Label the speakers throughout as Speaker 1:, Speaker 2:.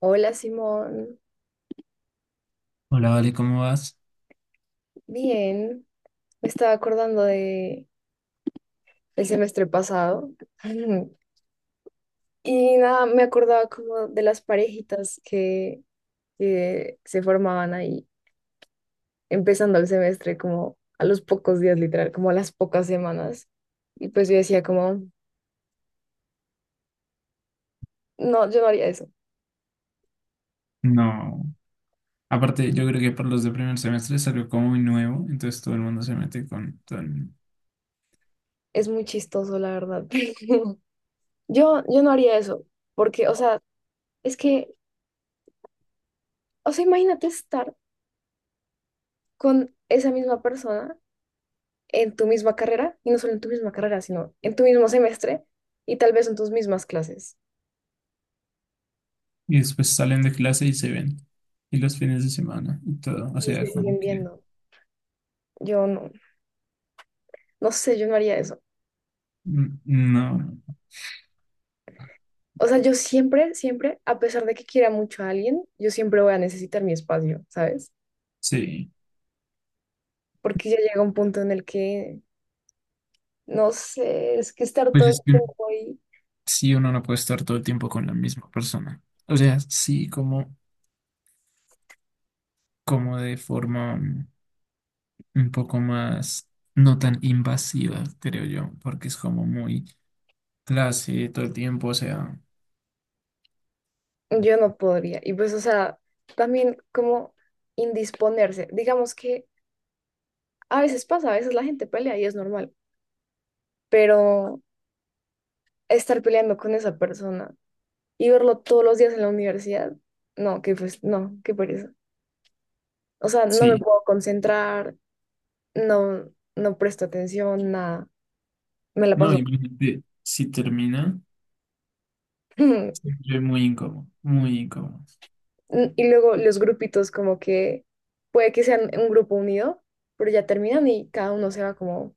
Speaker 1: Hola, Simón.
Speaker 2: Hola, Vale, ¿cómo vas?
Speaker 1: Bien, me estaba acordando de el semestre pasado y nada, me acordaba como de las parejitas que se formaban ahí empezando el semestre como a los pocos días, literal, como a las pocas semanas. Y pues yo decía como, no, yo no haría eso.
Speaker 2: No. Aparte, yo creo que para los de primer semestre salió como muy nuevo, entonces todo el mundo se mete con todo el mundo.
Speaker 1: Es muy chistoso la verdad. Pero yo no haría eso porque, o sea, es que, o sea, imagínate estar con esa misma persona en tu misma carrera, y no solo en tu misma carrera, sino en tu mismo semestre y tal vez en tus mismas clases.
Speaker 2: Y después salen de clase y se ven. Y los fines de semana y todo. O
Speaker 1: Y
Speaker 2: sea,
Speaker 1: se siguen
Speaker 2: como que
Speaker 1: viendo. Yo no, no sé, yo no haría eso.
Speaker 2: mm, no.
Speaker 1: O sea, yo siempre, siempre, a pesar de que quiera mucho a alguien, yo siempre voy a necesitar mi espacio, ¿sabes?
Speaker 2: Sí.
Speaker 1: Porque ya llega un punto en el que, no sé, es que estar
Speaker 2: Pues
Speaker 1: todo el
Speaker 2: es que
Speaker 1: tiempo ahí,
Speaker 2: sí, uno no puede estar todo el tiempo con la misma persona. O sea, sí, como, como de forma, mm, un poco más. No tan invasiva, creo yo, porque es como muy clase todo el tiempo, o sea.
Speaker 1: yo no podría. Y pues, o sea, también como indisponerse. Digamos que a veces pasa, a veces la gente pelea y es normal, pero estar peleando con esa persona y verlo todos los días en la universidad, no, que pues no, qué pereza. O sea, no me
Speaker 2: Sí.
Speaker 1: puedo concentrar, no, no presto atención, nada, me la
Speaker 2: No,
Speaker 1: paso.
Speaker 2: imagínate, si termina, siempre muy incómodo, muy incómodo.
Speaker 1: Y luego los grupitos, como que puede que sean un grupo unido, pero ya terminan y cada uno se va como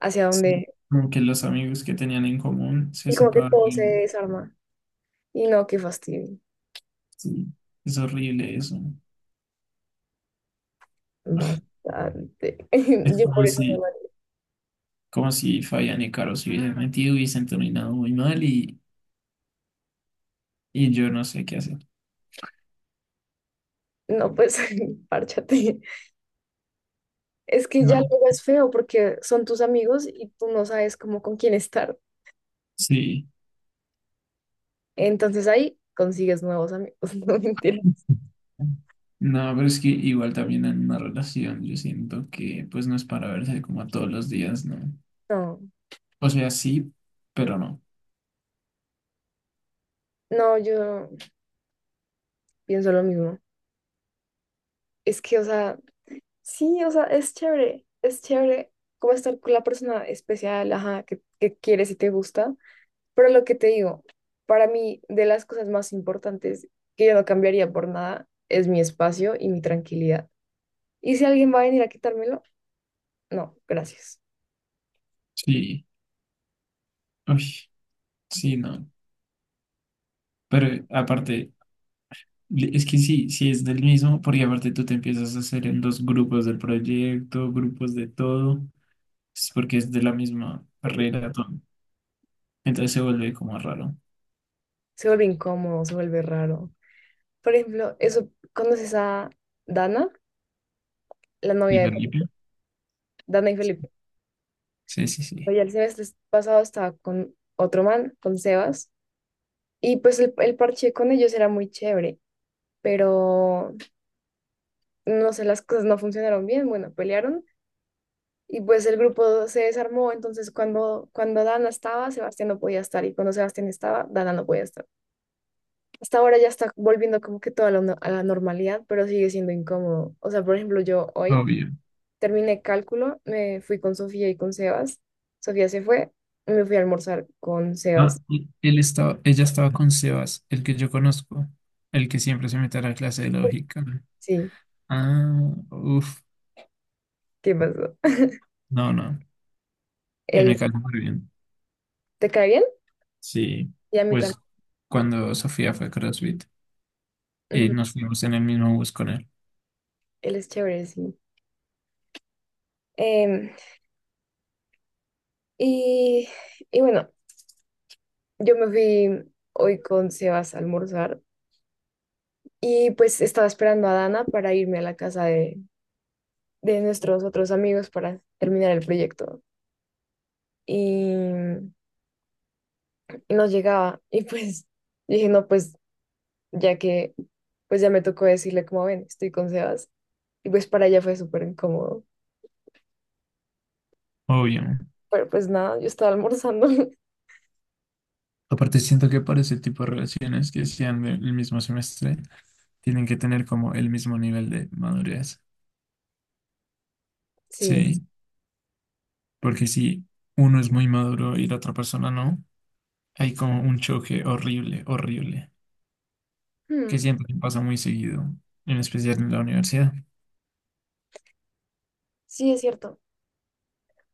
Speaker 1: hacia
Speaker 2: Sí,
Speaker 1: donde,
Speaker 2: como que los amigos que tenían en común se
Speaker 1: y como que
Speaker 2: separan.
Speaker 1: todo se desarma. Y no, qué fastidio.
Speaker 2: Sí, es horrible eso.
Speaker 1: Bastante.
Speaker 2: Es
Speaker 1: Yo por eso
Speaker 2: como si Fabián y Caro se hubiesen metido y hubiesen terminado muy mal y yo no sé qué hacer.
Speaker 1: no, no pues, párchate. Es que ya
Speaker 2: No,
Speaker 1: luego es feo porque son tus amigos y tú no sabes cómo, con quién estar.
Speaker 2: sí.
Speaker 1: Entonces ahí consigues nuevos amigos. No, mentira.
Speaker 2: No, pero es que igual también en una relación yo siento que pues no es para verse como todos los días, ¿no?
Speaker 1: No,
Speaker 2: O sea, sí, pero no.
Speaker 1: no, yo pienso lo mismo. Es que, o sea, sí, o sea, es chévere como estar con la persona especial, ajá, que quieres y te gusta. Pero lo que te digo, para mí, de las cosas más importantes, que yo no cambiaría por nada, es mi espacio y mi tranquilidad. Y si alguien va a venir a quitármelo, no, gracias.
Speaker 2: Sí. Uy, sí, no. Pero aparte, es que sí, sí es del mismo, porque aparte tú te empiezas a hacer en dos grupos del proyecto, grupos de todo, es porque es de la misma carrera, todo. Entonces se vuelve como raro.
Speaker 1: Se vuelve incómodo, se vuelve raro. Por ejemplo, eso, ¿conoces a Dana? La
Speaker 2: ¿Y
Speaker 1: novia de
Speaker 2: Felipe?
Speaker 1: Dana y Felipe.
Speaker 2: Sí, sí, sí.
Speaker 1: Oye, el semestre pasado estaba con otro man, con Sebas, y pues el parche con ellos era muy chévere, pero no sé, las cosas no funcionaron bien, bueno, pelearon. Y pues el grupo se desarmó, entonces cuando Dana estaba, Sebastián no podía estar, y cuando Sebastián estaba, Dana no podía estar. Hasta ahora ya está volviendo como que a la normalidad, pero sigue siendo incómodo. O sea, por ejemplo, yo hoy
Speaker 2: Obvio.
Speaker 1: terminé cálculo, me fui con Sofía y con Sebas. Sofía se fue, me fui a almorzar con Sebas.
Speaker 2: Ah, y él estaba, ella estaba con Sebas, el que yo conozco, el que siempre se mete a la clase de lógica.
Speaker 1: Sí,
Speaker 2: Ah, uff,
Speaker 1: ¿qué pasó?
Speaker 2: no, no, él me
Speaker 1: Él,
Speaker 2: cayó muy bien.
Speaker 1: ¿te cae bien?
Speaker 2: Sí,
Speaker 1: Y a mí
Speaker 2: pues
Speaker 1: también.
Speaker 2: cuando Sofía fue a CrossFit y
Speaker 1: Ujú.
Speaker 2: nos fuimos en el mismo bus con él,
Speaker 1: Él es chévere, sí. Em, y, y bueno, yo me fui hoy con Sebas a almorzar, y pues estaba esperando a Dana para irme a la casa de nuestros otros amigos, para terminar el proyecto. Y, y no llegaba. Y pues dije, no, pues ya que, pues ya me tocó decirle como, ven, estoy con Sebas. Y pues para ella fue súper incómodo.
Speaker 2: obvio.
Speaker 1: Pero pues nada, yo estaba almorzando.
Speaker 2: Aparte, siento que para ese tipo de relaciones que sean del mismo semestre, tienen que tener como el mismo nivel de madurez.
Speaker 1: Sí.
Speaker 2: Sí, porque si uno es muy maduro y la otra persona no, hay como un choque horrible, horrible,
Speaker 1: Hmm,
Speaker 2: que siento que pasa muy seguido, en especial en la universidad.
Speaker 1: sí, es cierto.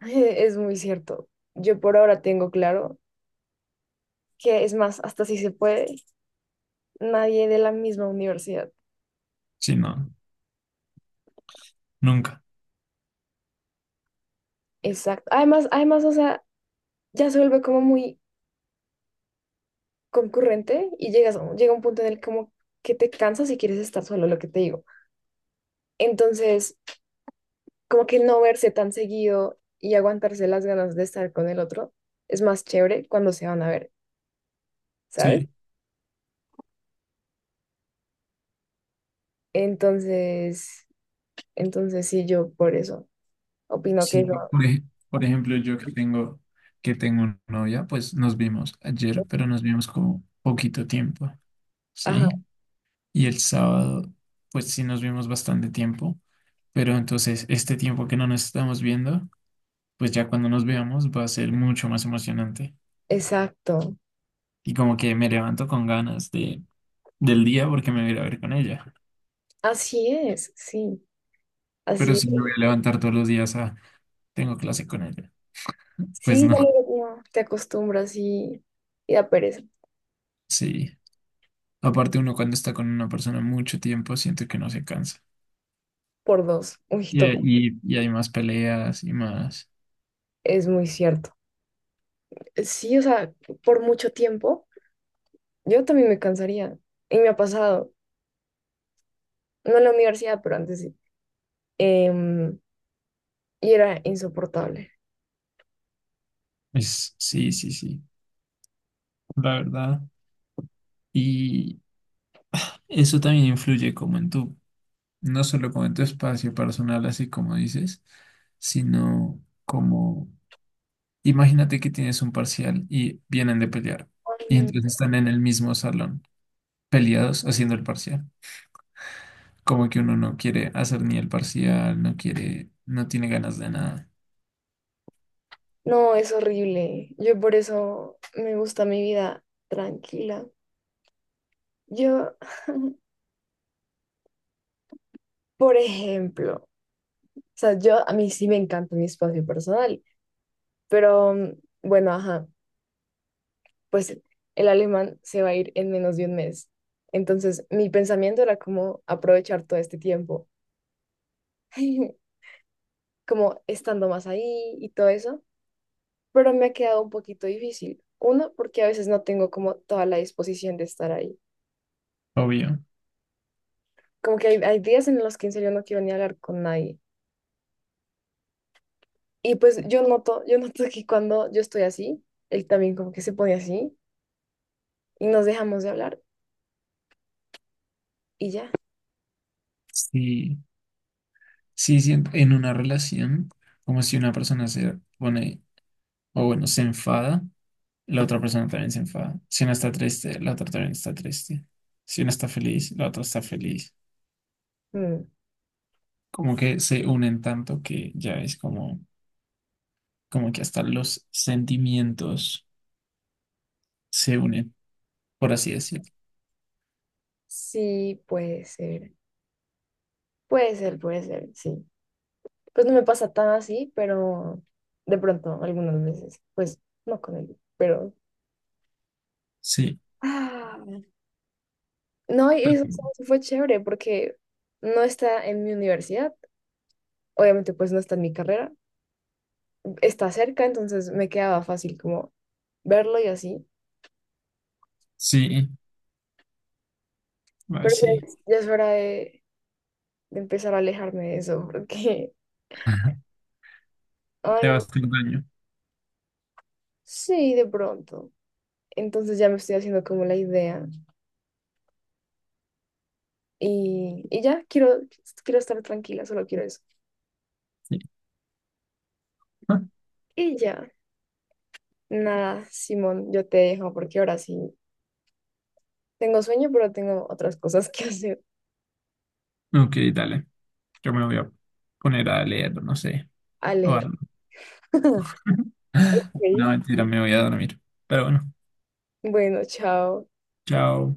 Speaker 1: Es muy cierto. Yo por ahora tengo claro que es más, hasta si se puede, nadie de la misma universidad.
Speaker 2: Sí, no, nunca.
Speaker 1: Exacto. Además, o sea, ya se vuelve como muy concurrente y llega un punto en el como que te cansas y quieres estar solo, lo que te digo. Entonces, como que no verse tan seguido y aguantarse las ganas de estar con el otro es más chévere cuando se van a ver, ¿sabes?
Speaker 2: Sí,
Speaker 1: Entonces, sí, yo por eso opino que
Speaker 2: sí,
Speaker 1: eso,
Speaker 2: por por ejemplo, yo que tengo novia, pues nos vimos ayer, pero nos vimos como poquito tiempo.
Speaker 1: ajá,
Speaker 2: Sí. Y el sábado, pues sí nos vimos bastante tiempo, pero entonces este tiempo que no nos estamos viendo, pues ya cuando nos veamos va a ser mucho más emocionante.
Speaker 1: exacto,
Speaker 2: Y como que me levanto con ganas de, del día porque me voy a ir a ver con ella.
Speaker 1: así es, sí,
Speaker 2: Pero
Speaker 1: así
Speaker 2: si me
Speaker 1: es.
Speaker 2: voy a levantar todos los días a tengo clase con ella, pues
Speaker 1: Sí,
Speaker 2: no,
Speaker 1: ya luego no, te acostumbras y, da pereza
Speaker 2: sí. Aparte uno cuando está con una persona mucho tiempo siente que no se cansa.
Speaker 1: por dos, uy, total,
Speaker 2: Y hay más peleas y más.
Speaker 1: es muy cierto. Sí, o sea, por mucho tiempo, yo también me cansaría y me ha pasado, no en la universidad, pero antes sí. Em, y era insoportable.
Speaker 2: Es, sí, sí, sí, la verdad. Y eso también influye como en tu, no solo como en tu espacio personal, así como dices, sino como, imagínate que tienes un parcial y vienen de pelear
Speaker 1: Ay,
Speaker 2: y
Speaker 1: no.
Speaker 2: entonces están en el mismo salón, peleados haciendo el parcial. Como que uno no quiere hacer ni el parcial, no quiere, no tiene ganas de nada.
Speaker 1: No, es horrible. Yo por eso me gusta mi vida tranquila. Yo, por ejemplo, o sea, yo a mí sí me encanta mi espacio personal, pero bueno, ajá, pues el alemán se va a ir en menos de un mes. Entonces, mi pensamiento era como aprovechar todo este tiempo, como estando más ahí y todo eso, pero me ha quedado un poquito difícil. Uno, porque a veces no tengo como toda la disposición de estar ahí.
Speaker 2: Obvio.
Speaker 1: Como que hay días en los que, en serio, no quiero ni hablar con nadie. Y pues yo noto que cuando yo estoy así, él también como que se pone así y nos dejamos de hablar y ya.
Speaker 2: Sí, sí, sí, en una relación, como si una persona se pone, o bueno, se enfada, la otra persona también se enfada. Si una está triste, la otra también está triste. Si una está feliz, la otra está feliz.
Speaker 1: Mm,
Speaker 2: Como que se unen tanto que ya es como, como que hasta los sentimientos se unen, por así decirlo.
Speaker 1: sí, puede ser. Puede ser, puede ser, sí. Pues no me pasa tan así, pero de pronto, algunas veces, pues no con él, pero...
Speaker 2: Sí,
Speaker 1: Ah, no, y eso,
Speaker 2: pero-
Speaker 1: eso fue chévere porque no está en mi universidad, obviamente pues no está en mi carrera, está cerca, entonces me quedaba fácil como verlo y así.
Speaker 2: sí, ay,
Speaker 1: Pero ya
Speaker 2: sí.
Speaker 1: es, ya es hora de, empezar a alejarme de eso, porque,
Speaker 2: Ajá. Te
Speaker 1: ay, no.
Speaker 2: vas a hacer daño.
Speaker 1: Sí, de pronto. Entonces ya me estoy haciendo como la idea. Y ya, quiero estar tranquila, solo quiero eso.
Speaker 2: Sí.
Speaker 1: Y ya, nada, Simón, yo te dejo porque ahora sí tengo sueño, pero tengo otras cosas que hacer.
Speaker 2: Ah, ok, dale. Yo me voy a poner a leer, no sé, o
Speaker 1: Alegro.
Speaker 2: algo. No,
Speaker 1: Ok.
Speaker 2: mentira, me voy a dormir. Pero bueno,
Speaker 1: Bueno, chao.
Speaker 2: chao.